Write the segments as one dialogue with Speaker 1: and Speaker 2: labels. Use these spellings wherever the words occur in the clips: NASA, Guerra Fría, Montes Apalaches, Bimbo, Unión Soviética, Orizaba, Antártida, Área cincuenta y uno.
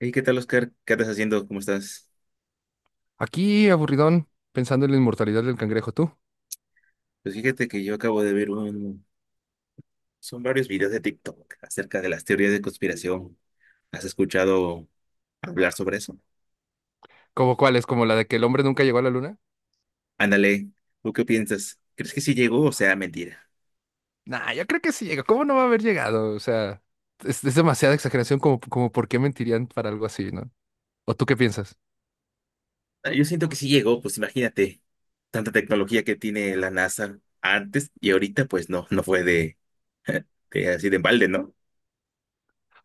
Speaker 1: Hey, ¿qué tal, Oscar? ¿Qué andas haciendo? ¿Cómo estás?
Speaker 2: Aquí, aburridón, pensando en la inmortalidad del cangrejo, ¿tú?
Speaker 1: Pues fíjate que yo acabo de ver. Son varios videos de TikTok acerca de las teorías de conspiración. ¿Has escuchado hablar sobre eso?
Speaker 2: ¿Cómo cuál es? ¿Como la de que el hombre nunca llegó a la luna?
Speaker 1: Ándale, ¿tú qué piensas? ¿Crees que sí llegó o sea mentira?
Speaker 2: Nah, yo creo que sí llega. ¿Cómo no va a haber llegado? O sea, es demasiada exageración como por qué mentirían para algo así, ¿no? ¿O tú qué piensas?
Speaker 1: Ah, yo siento que sí llegó, pues imagínate, tanta tecnología que tiene la NASA antes y ahorita, pues no, no fue de, de así de balde, ¿no?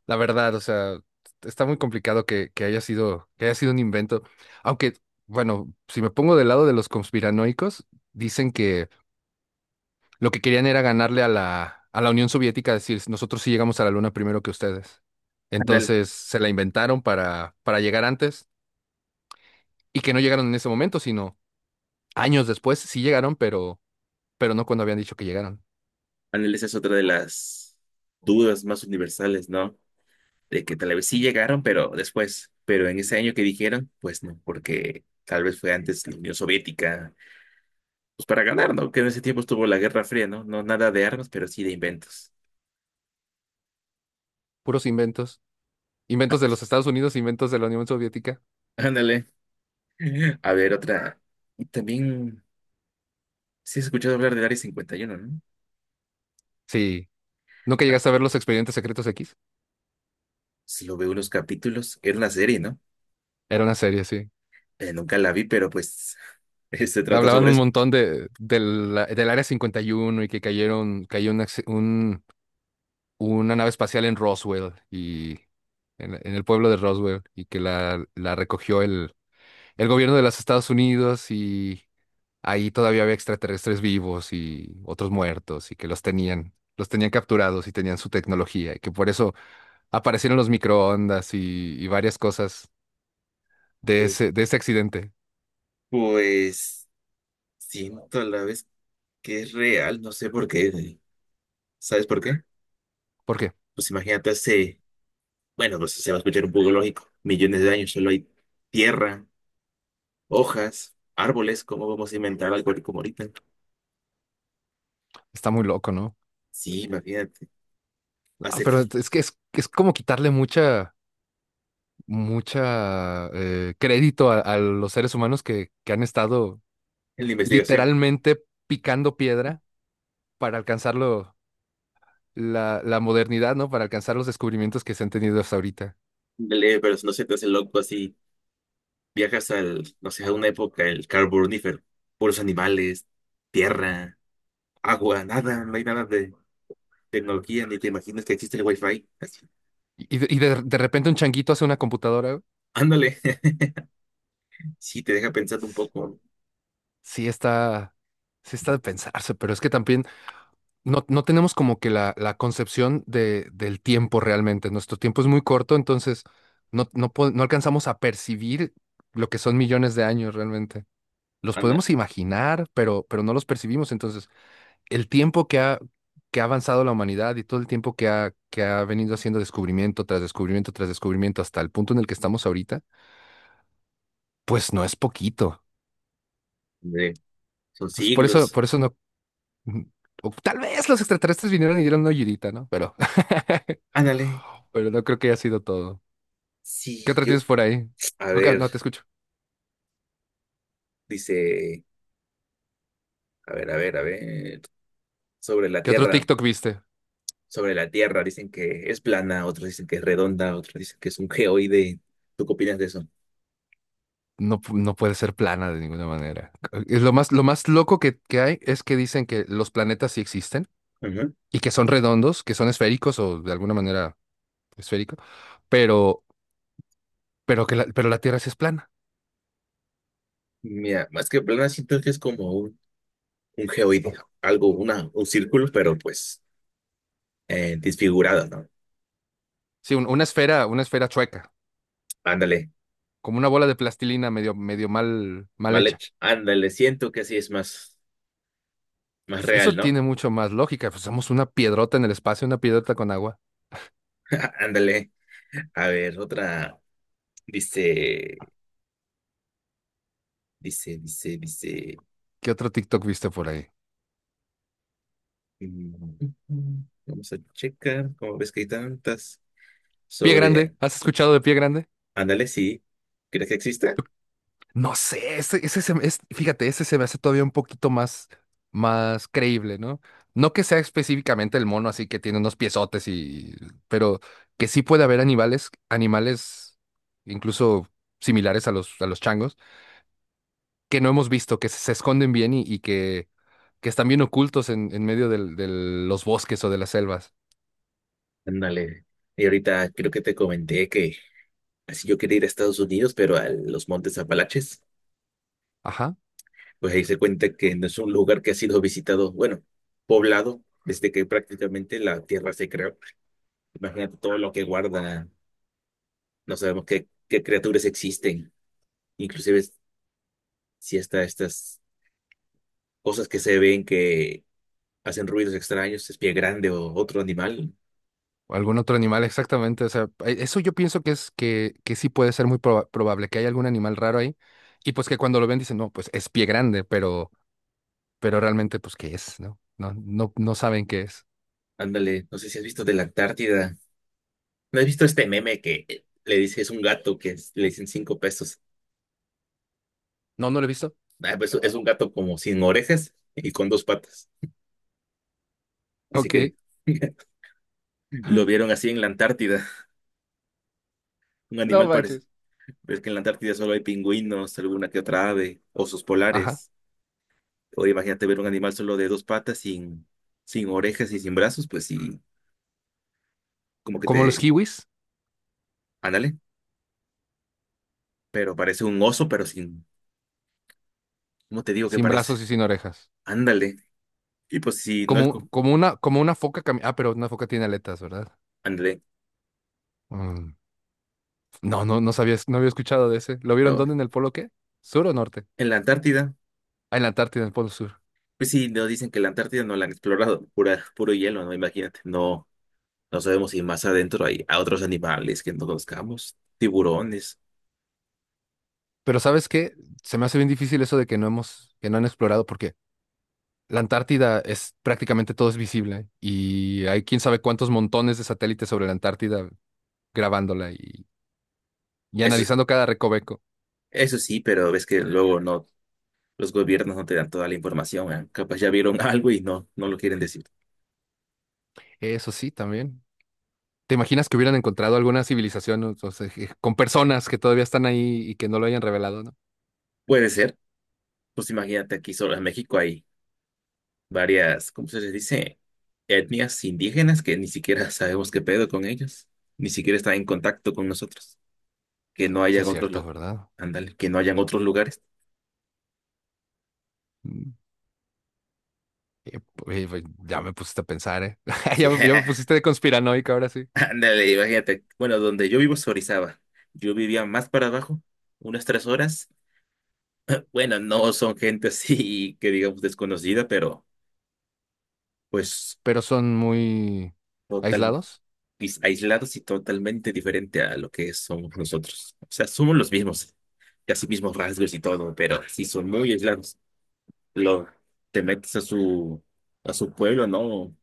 Speaker 2: La verdad, o sea, está muy complicado que haya sido, que haya sido un invento. Aunque, bueno, si me pongo del lado de los conspiranoicos, dicen que lo que querían era ganarle a la Unión Soviética, decir, nosotros sí llegamos a la Luna primero que ustedes.
Speaker 1: Ándale,
Speaker 2: Entonces se la inventaron para llegar antes y que no llegaron en ese momento, sino años después sí llegaron, pero no cuando habían dicho que llegaron.
Speaker 1: ándale, esa es otra de las dudas más universales, ¿no? De que tal vez sí llegaron, pero después, pero en ese año que dijeron, pues no, porque tal vez fue antes la Unión Soviética, pues para ganar, ¿no? Que en ese tiempo estuvo la Guerra Fría, ¿no? No nada de armas, pero sí de inventos.
Speaker 2: Puros inventos. Inventos de los Estados Unidos, inventos de la Unión Soviética.
Speaker 1: Ándale. A ver, otra. Y también, sí has escuchado hablar del Área 51, ¿no?
Speaker 2: Sí. ¿Nunca
Speaker 1: Ah,
Speaker 2: llegaste a ver los Expedientes Secretos X?
Speaker 1: sí lo veo unos capítulos, era una serie, ¿no?
Speaker 2: Era una serie, sí.
Speaker 1: Nunca la vi, pero pues se trata
Speaker 2: Hablaban
Speaker 1: sobre
Speaker 2: un
Speaker 1: eso.
Speaker 2: montón del Área 51 y uno y que cayeron, cayó un acci- un- una nave espacial en Roswell y en el pueblo de Roswell y que la recogió el gobierno de los Estados Unidos y ahí todavía había extraterrestres vivos y otros muertos y que los tenían capturados y tenían su tecnología y que por eso aparecieron los microondas y varias cosas
Speaker 1: Pues,
Speaker 2: de ese accidente.
Speaker 1: pues siento a la vez que es real, no sé por qué. ¿Sabes por qué?
Speaker 2: ¿Por qué?
Speaker 1: Pues imagínate. Hace Bueno, pues se va a escuchar un poco lógico. Millones de años solo hay tierra, hojas, árboles. ¿Cómo vamos a inventar algo como ahorita?
Speaker 2: Está muy loco, ¿no?
Speaker 1: Sí, imagínate.
Speaker 2: Ah,
Speaker 1: Hacer
Speaker 2: pero es que es como quitarle mucha mucha crédito a los seres humanos que han estado
Speaker 1: la investigación.
Speaker 2: literalmente picando piedra para la modernidad, ¿no? Para alcanzar los descubrimientos que se han tenido hasta ahorita.
Speaker 1: Dale, pero no se te hace loco así. Viajas no sé, a una época, el carbonífero. Puros animales, tierra, agua, nada. No hay nada de tecnología, ni te imaginas que existe el wifi. Así.
Speaker 2: De repente un changuito hace una computadora, güey.
Speaker 1: Ándale. Sí, te deja pensando un poco.
Speaker 2: Sí está, sí está de pensarse, pero es que también no tenemos como que la concepción del tiempo realmente. Nuestro tiempo es muy corto, entonces no alcanzamos a percibir lo que son millones de años realmente. Los
Speaker 1: Anda,
Speaker 2: podemos imaginar, pero no los percibimos. Entonces, el tiempo que ha avanzado la humanidad y todo el tiempo que ha venido haciendo descubrimiento tras descubrimiento tras descubrimiento hasta el punto en el que estamos ahorita, pues no es poquito.
Speaker 1: hombre, son
Speaker 2: Entonces,
Speaker 1: siglos.
Speaker 2: por eso no. mm, o tal vez los extraterrestres vinieron y dieron una ayudita, ¿no? Pero,
Speaker 1: Ándale.
Speaker 2: pero no creo que haya sido todo. ¿Qué
Speaker 1: Sí,
Speaker 2: otra
Speaker 1: yo.
Speaker 2: tienes por ahí?
Speaker 1: A
Speaker 2: Ok,
Speaker 1: ver,
Speaker 2: no te escucho.
Speaker 1: dice. A ver, a ver, a ver. Sobre la
Speaker 2: ¿Qué otro
Speaker 1: Tierra.
Speaker 2: TikTok viste?
Speaker 1: Sobre la Tierra. Dicen que es plana, otros dicen que es redonda, otros dicen que es un geoide. ¿Tú qué opinas de eso?
Speaker 2: No puede ser plana de ninguna manera. Es lo más loco que hay es que dicen que los planetas sí existen
Speaker 1: Ujú.
Speaker 2: y que son redondos, que son esféricos o de alguna manera esférico, pero, pero que pero la Tierra sí es plana.
Speaker 1: Mira, más que plana siento que es como un geoide. Algo, un círculo, pero pues disfigurado, ¿no?
Speaker 2: Sí, una esfera chueca,
Speaker 1: Ándale,
Speaker 2: como una bola de plastilina medio, medio mal, mal
Speaker 1: mal
Speaker 2: hecha.
Speaker 1: hecho. Ándale, siento que así es más, más
Speaker 2: Eso
Speaker 1: real, ¿no?
Speaker 2: tiene mucho más lógica. Pues somos una piedrota en el espacio, una piedrota con agua.
Speaker 1: Ándale. A ver, otra. Dice, dice.
Speaker 2: ¿Qué otro TikTok viste por ahí?
Speaker 1: mm, Vamos a checar. ¿Cómo ves que hay tantas?
Speaker 2: Pie grande,
Speaker 1: Sobre
Speaker 2: ¿has escuchado de pie grande?
Speaker 1: Ándale, sí. ¿Crees que existe?
Speaker 2: No sé, ese, es, fíjate, ese se me hace todavía un poquito más, más creíble, ¿no? No que sea específicamente el mono así que tiene unos piezotes y, pero que sí puede haber animales, animales incluso similares a los changos, que no hemos visto, se esconden bien y que están bien ocultos en medio de los bosques o de las selvas.
Speaker 1: Ándale. Y ahorita creo que te comenté que así yo quería ir a Estados Unidos, pero a los Montes Apalaches,
Speaker 2: Ajá.
Speaker 1: pues ahí se cuenta que no es un lugar que ha sido visitado, bueno, poblado, desde que prácticamente la tierra se creó. Imagínate todo lo que guarda, no sabemos qué, qué criaturas existen, inclusive si hasta estas cosas que se ven que hacen ruidos extraños, es pie grande o otro animal.
Speaker 2: O algún otro animal, exactamente. O sea, eso yo pienso que es que sí puede ser probable, que hay algún animal raro ahí, y pues que cuando lo ven dicen, no, pues es pie grande, pero realmente, pues, ¿qué es? ¿No? No saben qué es.
Speaker 1: Ándale, no sé si has visto de la Antártida. ¿No has visto este meme que le dice es un gato que le dicen 5 pesos?
Speaker 2: No, no lo he visto.
Speaker 1: Ah, pues, es un gato como sin orejas y con dos patas. Dice
Speaker 2: Ok,
Speaker 1: que lo vieron así en la Antártida. Un
Speaker 2: no
Speaker 1: animal parece.
Speaker 2: manches.
Speaker 1: Ves que en la Antártida solo hay pingüinos, alguna que otra ave, osos
Speaker 2: Ajá.
Speaker 1: polares. O imagínate ver un animal solo de dos patas, sin orejas y sin brazos, pues sí, como que
Speaker 2: Como los
Speaker 1: te.
Speaker 2: kiwis,
Speaker 1: Ándale. Pero parece un oso, pero sin. ¿Cómo te digo que
Speaker 2: sin
Speaker 1: parece?
Speaker 2: brazos y sin orejas.
Speaker 1: Ándale. Y pues si no es.
Speaker 2: Como una foca Ah, pero una foca tiene aletas, ¿verdad?
Speaker 1: Ándale.
Speaker 2: Mm, no sabías, no había escuchado de ese. ¿Lo vieron
Speaker 1: Oh,
Speaker 2: dónde? ¿En el polo qué? ¿Sur o norte?
Speaker 1: en la Antártida.
Speaker 2: Ah, en la Antártida, en el polo sur.
Speaker 1: Pues sí, no dicen que la Antártida no la han explorado, puro hielo, ¿no? Imagínate, no, no sabemos si más adentro hay a otros animales que no conozcamos, tiburones,
Speaker 2: Pero ¿sabes qué? Se me hace bien difícil eso de que no hemos, que no han explorado, porque la Antártida es prácticamente todo es visible y hay quién sabe cuántos montones de satélites sobre la Antártida grabándola y
Speaker 1: eso, es-
Speaker 2: analizando cada recoveco.
Speaker 1: eso sí, pero ves que luego no, los gobiernos no te dan toda la información, ¿eh? Capaz ya vieron algo y no, no lo quieren decir.
Speaker 2: Eso sí, también. ¿Te imaginas que hubieran encontrado alguna civilización o sea, con personas que todavía están ahí y que no lo hayan revelado, ¿no?
Speaker 1: Puede ser, pues imagínate aquí solo en México hay varias, ¿cómo se les dice? Etnias indígenas que ni siquiera sabemos qué pedo con ellos, ni siquiera están en contacto con nosotros, que no
Speaker 2: Sí,
Speaker 1: hayan
Speaker 2: es
Speaker 1: otros,
Speaker 2: cierto, ¿verdad?
Speaker 1: ándale, que no hayan otros lugares.
Speaker 2: Mm. Eh, oye, ya me pusiste a pensar, ¿eh?
Speaker 1: Sí.
Speaker 2: Ya me pusiste de conspiranoica ahora sí.
Speaker 1: Ándale, imagínate. Bueno, donde yo vivo es Orizaba. Yo vivía más para abajo, unas 3 horas. Bueno, no son gente así que digamos desconocida, pero pues
Speaker 2: Pero son muy
Speaker 1: total,
Speaker 2: aislados.
Speaker 1: aislados y totalmente diferente a lo que somos nosotros. O sea, somos los mismos, casi mismos rasgos y todo, pero sí son muy aislados. Lo, te metes a su pueblo, no,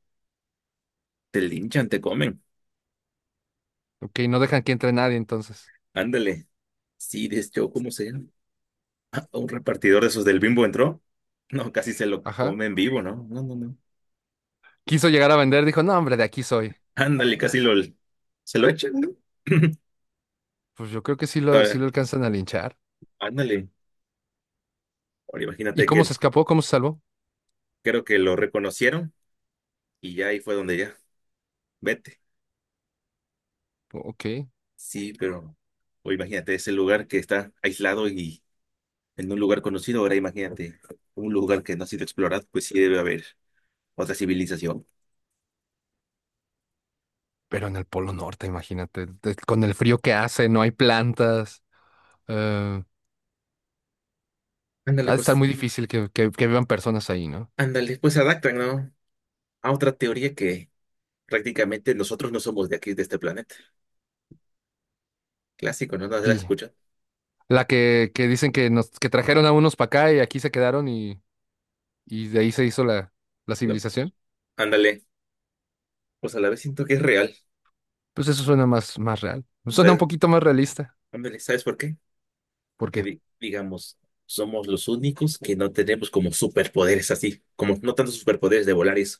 Speaker 1: te linchan, te comen.
Speaker 2: Ok, no dejan que entre nadie entonces.
Speaker 1: Ándale. Sí, desde yo, ¿cómo sea? Un repartidor de esos del Bimbo entró. No, casi se lo
Speaker 2: Ajá.
Speaker 1: come en vivo, ¿no? No, no, no.
Speaker 2: Quiso llegar a vender, dijo, no, hombre, de aquí soy.
Speaker 1: Ándale, casi lo se lo echan, ¿no?
Speaker 2: Pues yo creo que sí
Speaker 1: Ahora,
Speaker 2: lo alcanzan a linchar.
Speaker 1: ándale. Ahora
Speaker 2: ¿Y
Speaker 1: imagínate
Speaker 2: cómo
Speaker 1: que
Speaker 2: se escapó? ¿Cómo se salvó?
Speaker 1: creo que lo reconocieron y ya ahí fue donde ya, vete.
Speaker 2: Ok.
Speaker 1: Sí, pero o imagínate ese lugar que está aislado y en un lugar conocido. Ahora imagínate un lugar que no ha sido explorado, pues sí debe haber otra civilización.
Speaker 2: Pero en el Polo Norte, imagínate, con el frío que hace, no hay plantas. eh, ha
Speaker 1: Ándale,
Speaker 2: de estar
Speaker 1: pues,
Speaker 2: muy difícil que vivan personas ahí, ¿no?
Speaker 1: ándale, pues se adaptan, ¿no? A otra teoría que prácticamente nosotros no somos de aquí, de este planeta. Clásico, ¿no? ¿No se la
Speaker 2: Y
Speaker 1: escucha?
Speaker 2: la que dicen que nos, que trajeron a unos para acá y aquí se quedaron y de ahí se hizo la
Speaker 1: No.
Speaker 2: civilización.
Speaker 1: Ándale. Pues a la vez siento que es real.
Speaker 2: Pues eso suena más, más real. Suena un
Speaker 1: ¿Sabes?
Speaker 2: poquito más realista.
Speaker 1: Ándale, ¿sabes por qué? Porque,
Speaker 2: Porque
Speaker 1: digamos, somos los únicos que no tenemos como superpoderes así. Como no tantos superpoderes de volar y eso.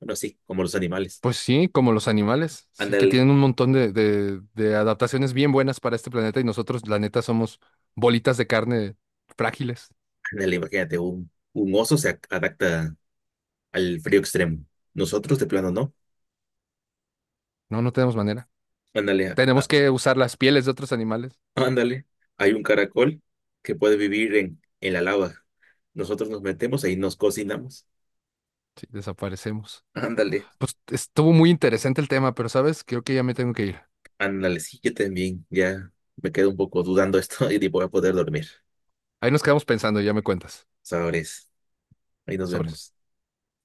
Speaker 1: Bueno, sí, como los animales.
Speaker 2: pues sí, como los animales, sí, que
Speaker 1: Ándale,
Speaker 2: tienen un montón de adaptaciones bien buenas para este planeta y nosotros, la neta, somos bolitas de carne frágiles.
Speaker 1: ándale, imagínate, un oso se adapta al frío extremo. Nosotros de plano no.
Speaker 2: No, no tenemos manera.
Speaker 1: Ándale.
Speaker 2: Tenemos que usar las pieles de otros animales.
Speaker 1: Ándale, hay un caracol que puede vivir en la lava. Nosotros nos metemos ahí, nos cocinamos.
Speaker 2: Sí, desaparecemos.
Speaker 1: Ándale,
Speaker 2: Pues estuvo muy interesante el tema, pero sabes, creo que ya me tengo que ir.
Speaker 1: ándale, sí, yo también. Ya me quedo un poco dudando esto y ni voy a poder dormir.
Speaker 2: Ahí nos quedamos pensando y ya me cuentas.
Speaker 1: Sabores, ahí nos
Speaker 2: Sobre.
Speaker 1: vemos.